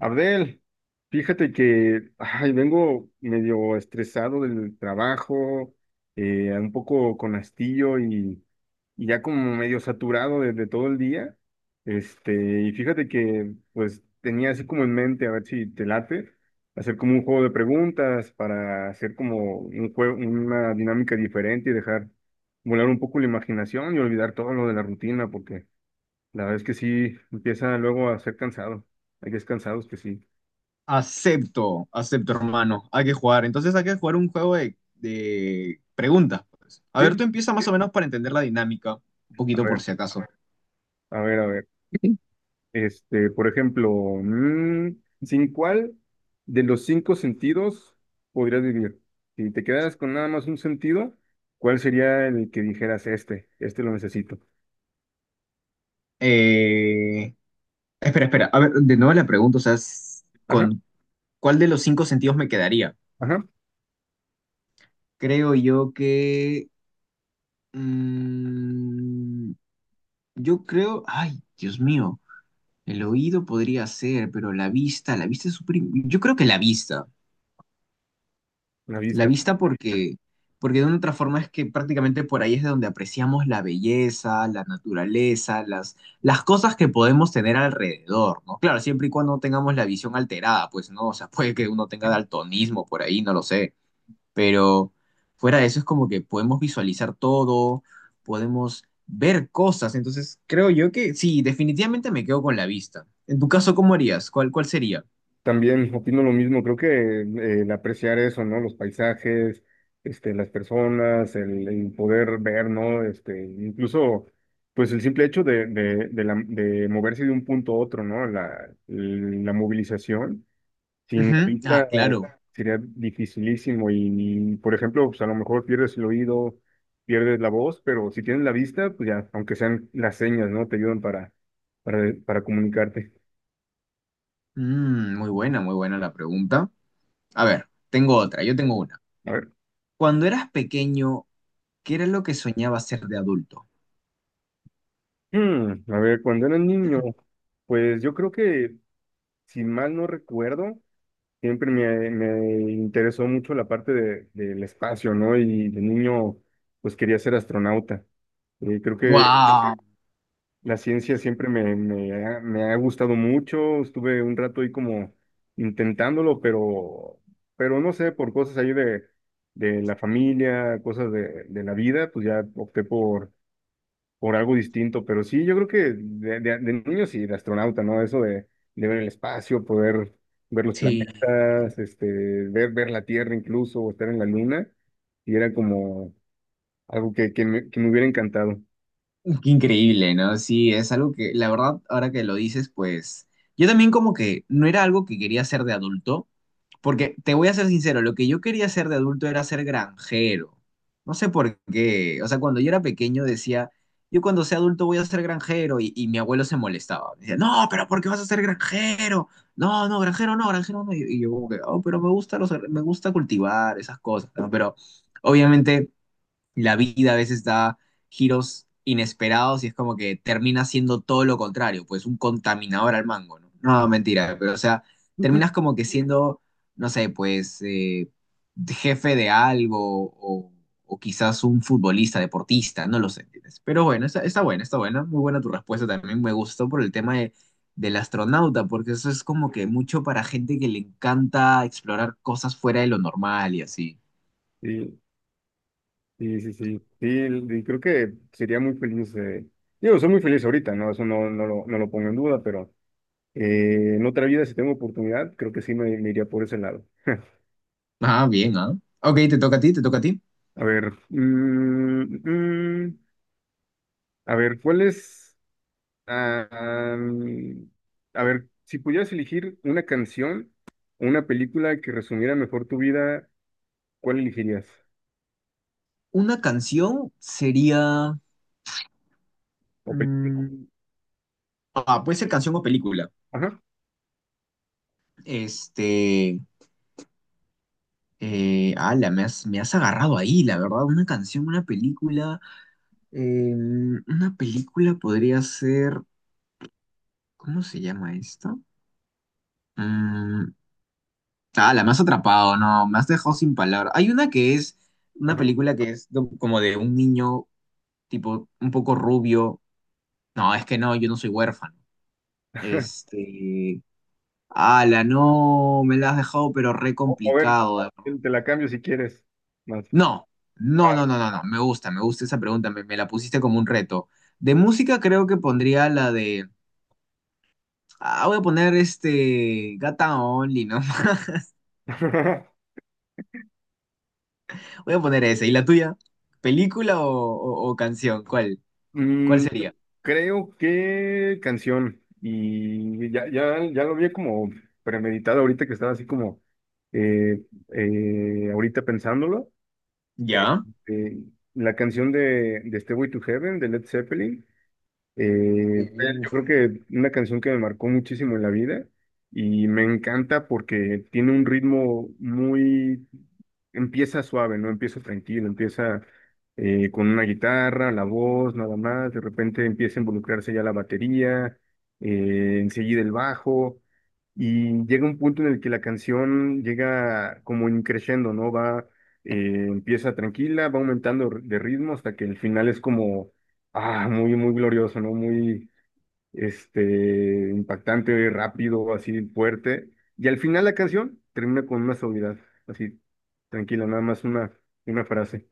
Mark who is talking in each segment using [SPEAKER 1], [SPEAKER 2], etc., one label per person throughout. [SPEAKER 1] Abdel, fíjate que ay, vengo medio estresado del trabajo, un poco con hastío y ya como medio saturado de todo el día. Y fíjate que pues tenía así como en mente, a ver si te late, hacer como un juego de preguntas para hacer como un juego, una dinámica diferente y dejar volar un poco la imaginación y olvidar todo lo de la rutina, porque la verdad es que sí empieza luego a ser cansado. Hay días cansados que sí.
[SPEAKER 2] Acepto, acepto, hermano. Hay que jugar. Entonces hay que jugar un juego de preguntas. Pues, a ver, tú
[SPEAKER 1] Sí,
[SPEAKER 2] empieza más o menos para entender la dinámica, un
[SPEAKER 1] a
[SPEAKER 2] poquito por
[SPEAKER 1] ver,
[SPEAKER 2] si acaso.
[SPEAKER 1] a ver, a ver. Por ejemplo, mm, ¿sin cuál de los cinco sentidos podrías vivir? Si te quedaras con nada más un sentido, ¿cuál sería el que dijeras este? Este lo necesito.
[SPEAKER 2] Eh, Espera, espera. A ver, de nuevo la pregunta, o sea,
[SPEAKER 1] Ajá,
[SPEAKER 2] ¿con cuál de los cinco sentidos me quedaría?
[SPEAKER 1] ajá,
[SPEAKER 2] Creo yo que... mm, yo creo... Ay, Dios mío. El oído podría ser, pero la vista es súper... Yo creo que la vista.
[SPEAKER 1] la
[SPEAKER 2] La
[SPEAKER 1] vista.
[SPEAKER 2] vista porque, porque de una otra forma es que prácticamente por ahí es de donde apreciamos la belleza, la naturaleza, las cosas que podemos tener alrededor, ¿no? Claro, siempre y cuando no tengamos la visión alterada, pues no, o sea, puede que uno tenga daltonismo por ahí, no lo sé, pero fuera de eso es como que podemos visualizar todo, podemos ver cosas, entonces creo yo que sí, definitivamente me quedo con la vista. En tu caso, ¿cómo harías? ¿Cuál, cuál sería?
[SPEAKER 1] También opino lo mismo, creo que el apreciar eso, ¿no? Los paisajes, las personas, el poder ver, ¿no? Este, incluso, pues el simple hecho de moverse de un punto a otro, ¿no? La movilización, sin
[SPEAKER 2] Ujú. Ah,
[SPEAKER 1] vista
[SPEAKER 2] claro.
[SPEAKER 1] sería dificilísimo y, por ejemplo, pues a lo mejor pierdes el oído, pierdes la voz, pero si tienes la vista, pues ya, aunque sean las señas, ¿no? Te ayudan para comunicarte.
[SPEAKER 2] Mm, muy buena la pregunta. A ver, tengo otra, yo tengo una.
[SPEAKER 1] A ver.
[SPEAKER 2] Cuando eras pequeño, ¿qué era lo que soñabas ser de adulto?
[SPEAKER 1] Hmm, a ver, cuando era niño, pues yo creo que, si mal no recuerdo, siempre me interesó mucho la parte del espacio, ¿no? Y de niño, pues quería ser astronauta. Creo que
[SPEAKER 2] ¡Wow!
[SPEAKER 1] la ciencia siempre me ha gustado mucho. Estuve un rato ahí como intentándolo, pero no sé, por cosas ahí de la familia, cosas de la vida, pues ya opté por algo distinto, pero sí, yo creo que de niño sí, de astronauta, ¿no? Eso de ver el espacio, poder ver los
[SPEAKER 2] Sí.
[SPEAKER 1] planetas, ver, ver la Tierra incluso, o estar en la Luna, y era como algo que me hubiera encantado.
[SPEAKER 2] Qué increíble, ¿no? Sí, es algo que, la verdad, ahora que lo dices, pues yo también como que no era algo que quería ser de adulto. Porque te voy a ser sincero, lo que yo quería ser de adulto era ser granjero. No sé por qué. O sea, cuando yo era pequeño decía, yo cuando sea adulto voy a ser granjero y, mi abuelo se molestaba. Me decía, no, pero ¿por qué vas a ser granjero? No, no, granjero no, granjero no. Y yo como que, oh, pero me gusta me gusta cultivar esas cosas, ¿no? Pero obviamente la vida a veces da giros inesperados y es como que termina siendo todo lo contrario, pues un contaminador al mango, ¿no? No, mentira, pero o sea, terminas como que siendo, no sé, pues jefe de algo o quizás un futbolista, deportista, no lo sé, ¿entiendes? Pero bueno, está, está buena, muy buena tu respuesta también, me gustó por el tema del astronauta, porque eso es como que mucho para gente que le encanta explorar cosas fuera de lo normal y así.
[SPEAKER 1] Sí, sí, sí, sí, sí, y creo que sería muy feliz, digo, soy muy feliz ahorita, ¿no? Eso no, no lo pongo en duda, pero en otra vida, si tengo oportunidad, creo que sí me iría por ese lado.
[SPEAKER 2] Ah, bien, ¿ah? Ok, te toca a ti, te toca a ti.
[SPEAKER 1] A ver, mm, a ver, ¿cuál es? Ah, mm, a ver, si pudieras elegir una canción o una película que resumiera mejor tu vida, ¿cuál elegirías?
[SPEAKER 2] Una canción sería.
[SPEAKER 1] O película.
[SPEAKER 2] Mm, ah, puede ser canción o película.
[SPEAKER 1] Ajá,
[SPEAKER 2] Este. Ala, me has agarrado ahí, la verdad. Una canción, una película. eh, una película podría ser. ¿Cómo se llama esta? Mm, ala, me has atrapado, no, me has dejado sin palabras. Hay una que es. Una
[SPEAKER 1] ajá.
[SPEAKER 2] película que es como de un niño, tipo, un poco rubio. No, es que no, yo no soy huérfano. Este. Ala, no, me la has dejado, pero re
[SPEAKER 1] A ver,
[SPEAKER 2] complicado.
[SPEAKER 1] te la cambio si quieres. Más.
[SPEAKER 2] No,
[SPEAKER 1] Ah.
[SPEAKER 2] no, no, no, no, no. Me gusta esa pregunta. Me la pusiste como un reto. De música creo que pondría la de. Ah, voy a poner este. Gata Only, ¿no? Voy a poner esa. ¿Y la tuya? ¿Película o canción? ¿Cuál? ¿Cuál
[SPEAKER 1] Mm,
[SPEAKER 2] sería?
[SPEAKER 1] Creo que canción. Y ya, ya, ya lo vi como premeditado ahorita que estaba así como eh, ahorita pensándolo. Eh,
[SPEAKER 2] ¿Ya?
[SPEAKER 1] eh, la canción de Stairway to Heaven de Led Zeppelin. Yo
[SPEAKER 2] Uf,
[SPEAKER 1] creo que una canción que me marcó muchísimo en la vida y me encanta porque tiene un ritmo muy, empieza suave, ¿no? Empieza tranquilo, empieza con una guitarra, la voz, nada más, de repente empieza a involucrarse ya la batería, enseguida el bajo, y llega un punto en el que la canción llega como en crescendo, ¿no? Va, empieza tranquila, va aumentando de ritmo hasta que el final es como ah, muy, muy glorioso, ¿no? Muy, impactante, rápido, así fuerte. Y al final la canción termina con una suavidad, así, tranquila, nada más una frase.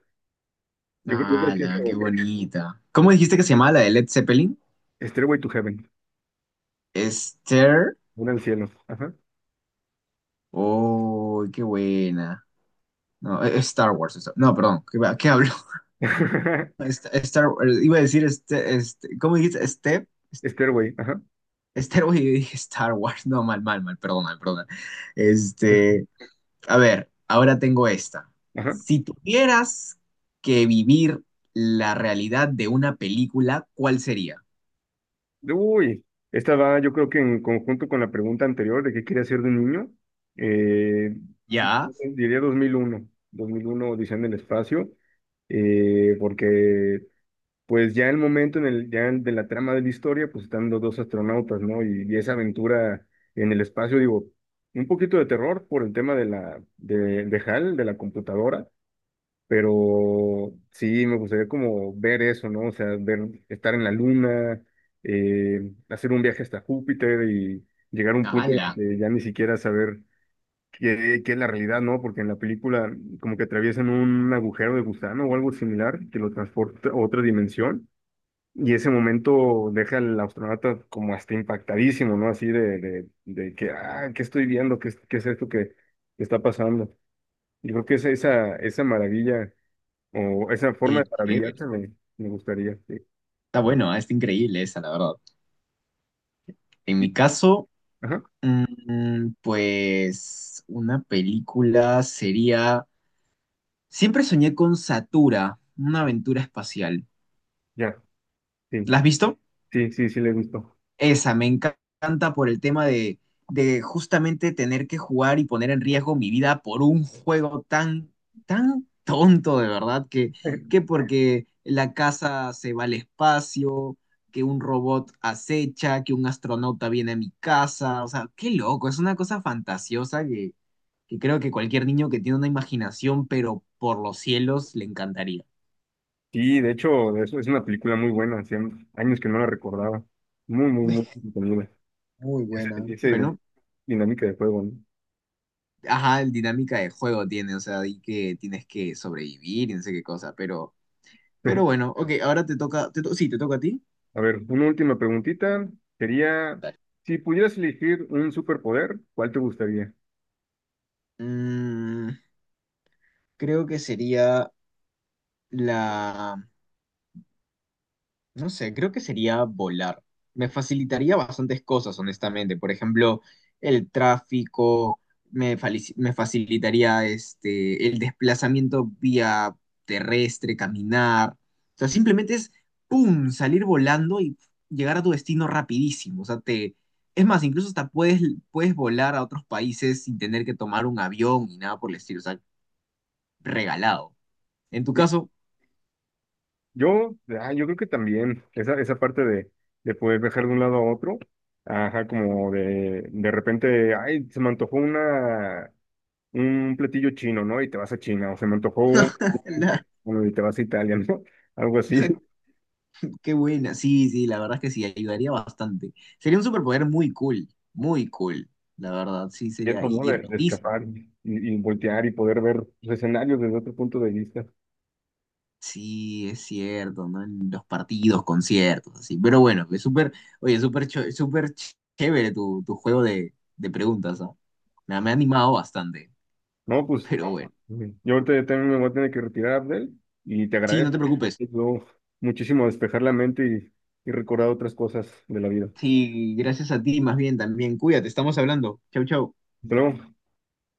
[SPEAKER 1] Yo creo que es
[SPEAKER 2] ala, qué
[SPEAKER 1] como
[SPEAKER 2] bonita. ¿Cómo dijiste que se llamaba la de Led Zeppelin?
[SPEAKER 1] Stairway to Heaven,
[SPEAKER 2] Esther.
[SPEAKER 1] una al cielo. Ajá.
[SPEAKER 2] Oh, qué buena. No, es Star Wars. Eso. No, perdón. ¿Qué, qué hablo? Star, iba a decir, este, ¿cómo dijiste? Step,
[SPEAKER 1] Stairway, ajá.
[SPEAKER 2] Stairway, yo dije Star Wars. No, mal, mal, mal, perdona, perdona. Este, a ver, ahora tengo esta.
[SPEAKER 1] Ajá.
[SPEAKER 2] Si tuvieras que vivir la realidad de una película, ¿cuál sería?
[SPEAKER 1] Uy, esta va, yo creo que en conjunto con la pregunta anterior de qué quería hacer de niño, eh,
[SPEAKER 2] Ya,
[SPEAKER 1] diría 2001 Odisea en el espacio, porque pues ya el momento en el, ya de la trama de la historia, pues están los dos astronautas, ¿no? Y esa aventura en el espacio, digo, un poquito de terror por el tema de de HAL, de la computadora, pero sí, me gustaría como ver eso, ¿no? O sea, ver, estar en la luna, hacer un viaje hasta Júpiter y llegar a un punto en el
[SPEAKER 2] ala,
[SPEAKER 1] que ya ni siquiera saber qué, qué es la realidad, ¿no? Porque en la película como que atraviesan un agujero de gusano o algo similar que lo transporta a otra dimensión. Y ese momento deja al astronauta como hasta impactadísimo, ¿no? Así de que, ah, ¿qué estoy viendo? ¿Qué, qué es esto que está pasando? Yo creo que esa maravilla o esa forma
[SPEAKER 2] qué
[SPEAKER 1] de maravillarse
[SPEAKER 2] chévere.
[SPEAKER 1] me gustaría. Sí.
[SPEAKER 2] Está bueno, ah, está increíble esa, la verdad. En
[SPEAKER 1] Y-
[SPEAKER 2] mi caso,
[SPEAKER 1] ajá,
[SPEAKER 2] pues una película sería... Siempre soñé con Satura, una aventura espacial.
[SPEAKER 1] ya, sí,
[SPEAKER 2] ¿La has visto?
[SPEAKER 1] sí, sí, sí, le gustó.
[SPEAKER 2] Esa, me encanta por el tema de justamente tener que jugar y poner en riesgo mi vida por un juego tan, tan tonto, de verdad, que porque la casa se va al espacio, que un robot acecha, que un astronauta viene a mi casa, o sea, qué loco, es una cosa fantasiosa que creo que cualquier niño que tiene una imaginación, pero por los cielos, le encantaría.
[SPEAKER 1] Sí, de hecho, eso es una película muy buena, hacía años que no la recordaba. Muy, muy, muy entretenida.
[SPEAKER 2] Muy buena.
[SPEAKER 1] Esa
[SPEAKER 2] Bueno,
[SPEAKER 1] dinámica de juego, ¿no?
[SPEAKER 2] ajá, el dinámica de juego tiene, o sea, y que tienes que sobrevivir y no sé qué cosa, pero bueno, ok, ahora te toca, sí, te toca a ti.
[SPEAKER 1] A ver, una última preguntita. Sería,
[SPEAKER 2] Dale.
[SPEAKER 1] si pudieras elegir un superpoder, ¿cuál te gustaría?
[SPEAKER 2] Mm, creo que sería la... No sé, creo que sería volar. Me facilitaría bastantes cosas, honestamente. Por ejemplo, el tráfico, me facilitaría este, el desplazamiento vía terrestre, caminar. O sea, simplemente es, ¡pum!, salir volando y llegar a tu destino rapidísimo. O sea, te... Es más, incluso hasta puedes, puedes volar a otros países sin tener que tomar un avión ni nada por el estilo. O sea, regalado. En tu
[SPEAKER 1] Sí,
[SPEAKER 2] caso,
[SPEAKER 1] yo, yo creo que también, esa parte de poder viajar de un lado a otro, ajá, como de repente, ay, se me antojó una, un platillo chino, ¿no? Y te vas a China, o se me antojó un- bueno, y te vas a Italia, ¿no? Algo así,
[SPEAKER 2] qué buena, sí, sí, la verdad es que sí, ayudaría bastante. Sería un superpoder muy cool, muy cool, la verdad, sí,
[SPEAKER 1] y
[SPEAKER 2] sería,
[SPEAKER 1] eso, ¿no?
[SPEAKER 2] y
[SPEAKER 1] De
[SPEAKER 2] rotísimo.
[SPEAKER 1] escapar y voltear y poder ver los escenarios desde otro punto de vista.
[SPEAKER 2] Sí, es cierto, ¿no? En los partidos, conciertos, así. Pero bueno, es súper, oye, chévere tu juego de preguntas, ¿no? Me ha animado bastante,
[SPEAKER 1] No, pues
[SPEAKER 2] pero bueno.
[SPEAKER 1] ujú. Yo ahorita ya también me voy a tener que retirar, Abdel, y te
[SPEAKER 2] Sí, no te
[SPEAKER 1] agradezco.
[SPEAKER 2] preocupes.
[SPEAKER 1] Me ayudó muchísimo a despejar la mente y recordar otras cosas de la vida.
[SPEAKER 2] Sí, gracias a ti, más bien también. Cuídate, estamos hablando. Chau, chau.
[SPEAKER 1] Hasta luego.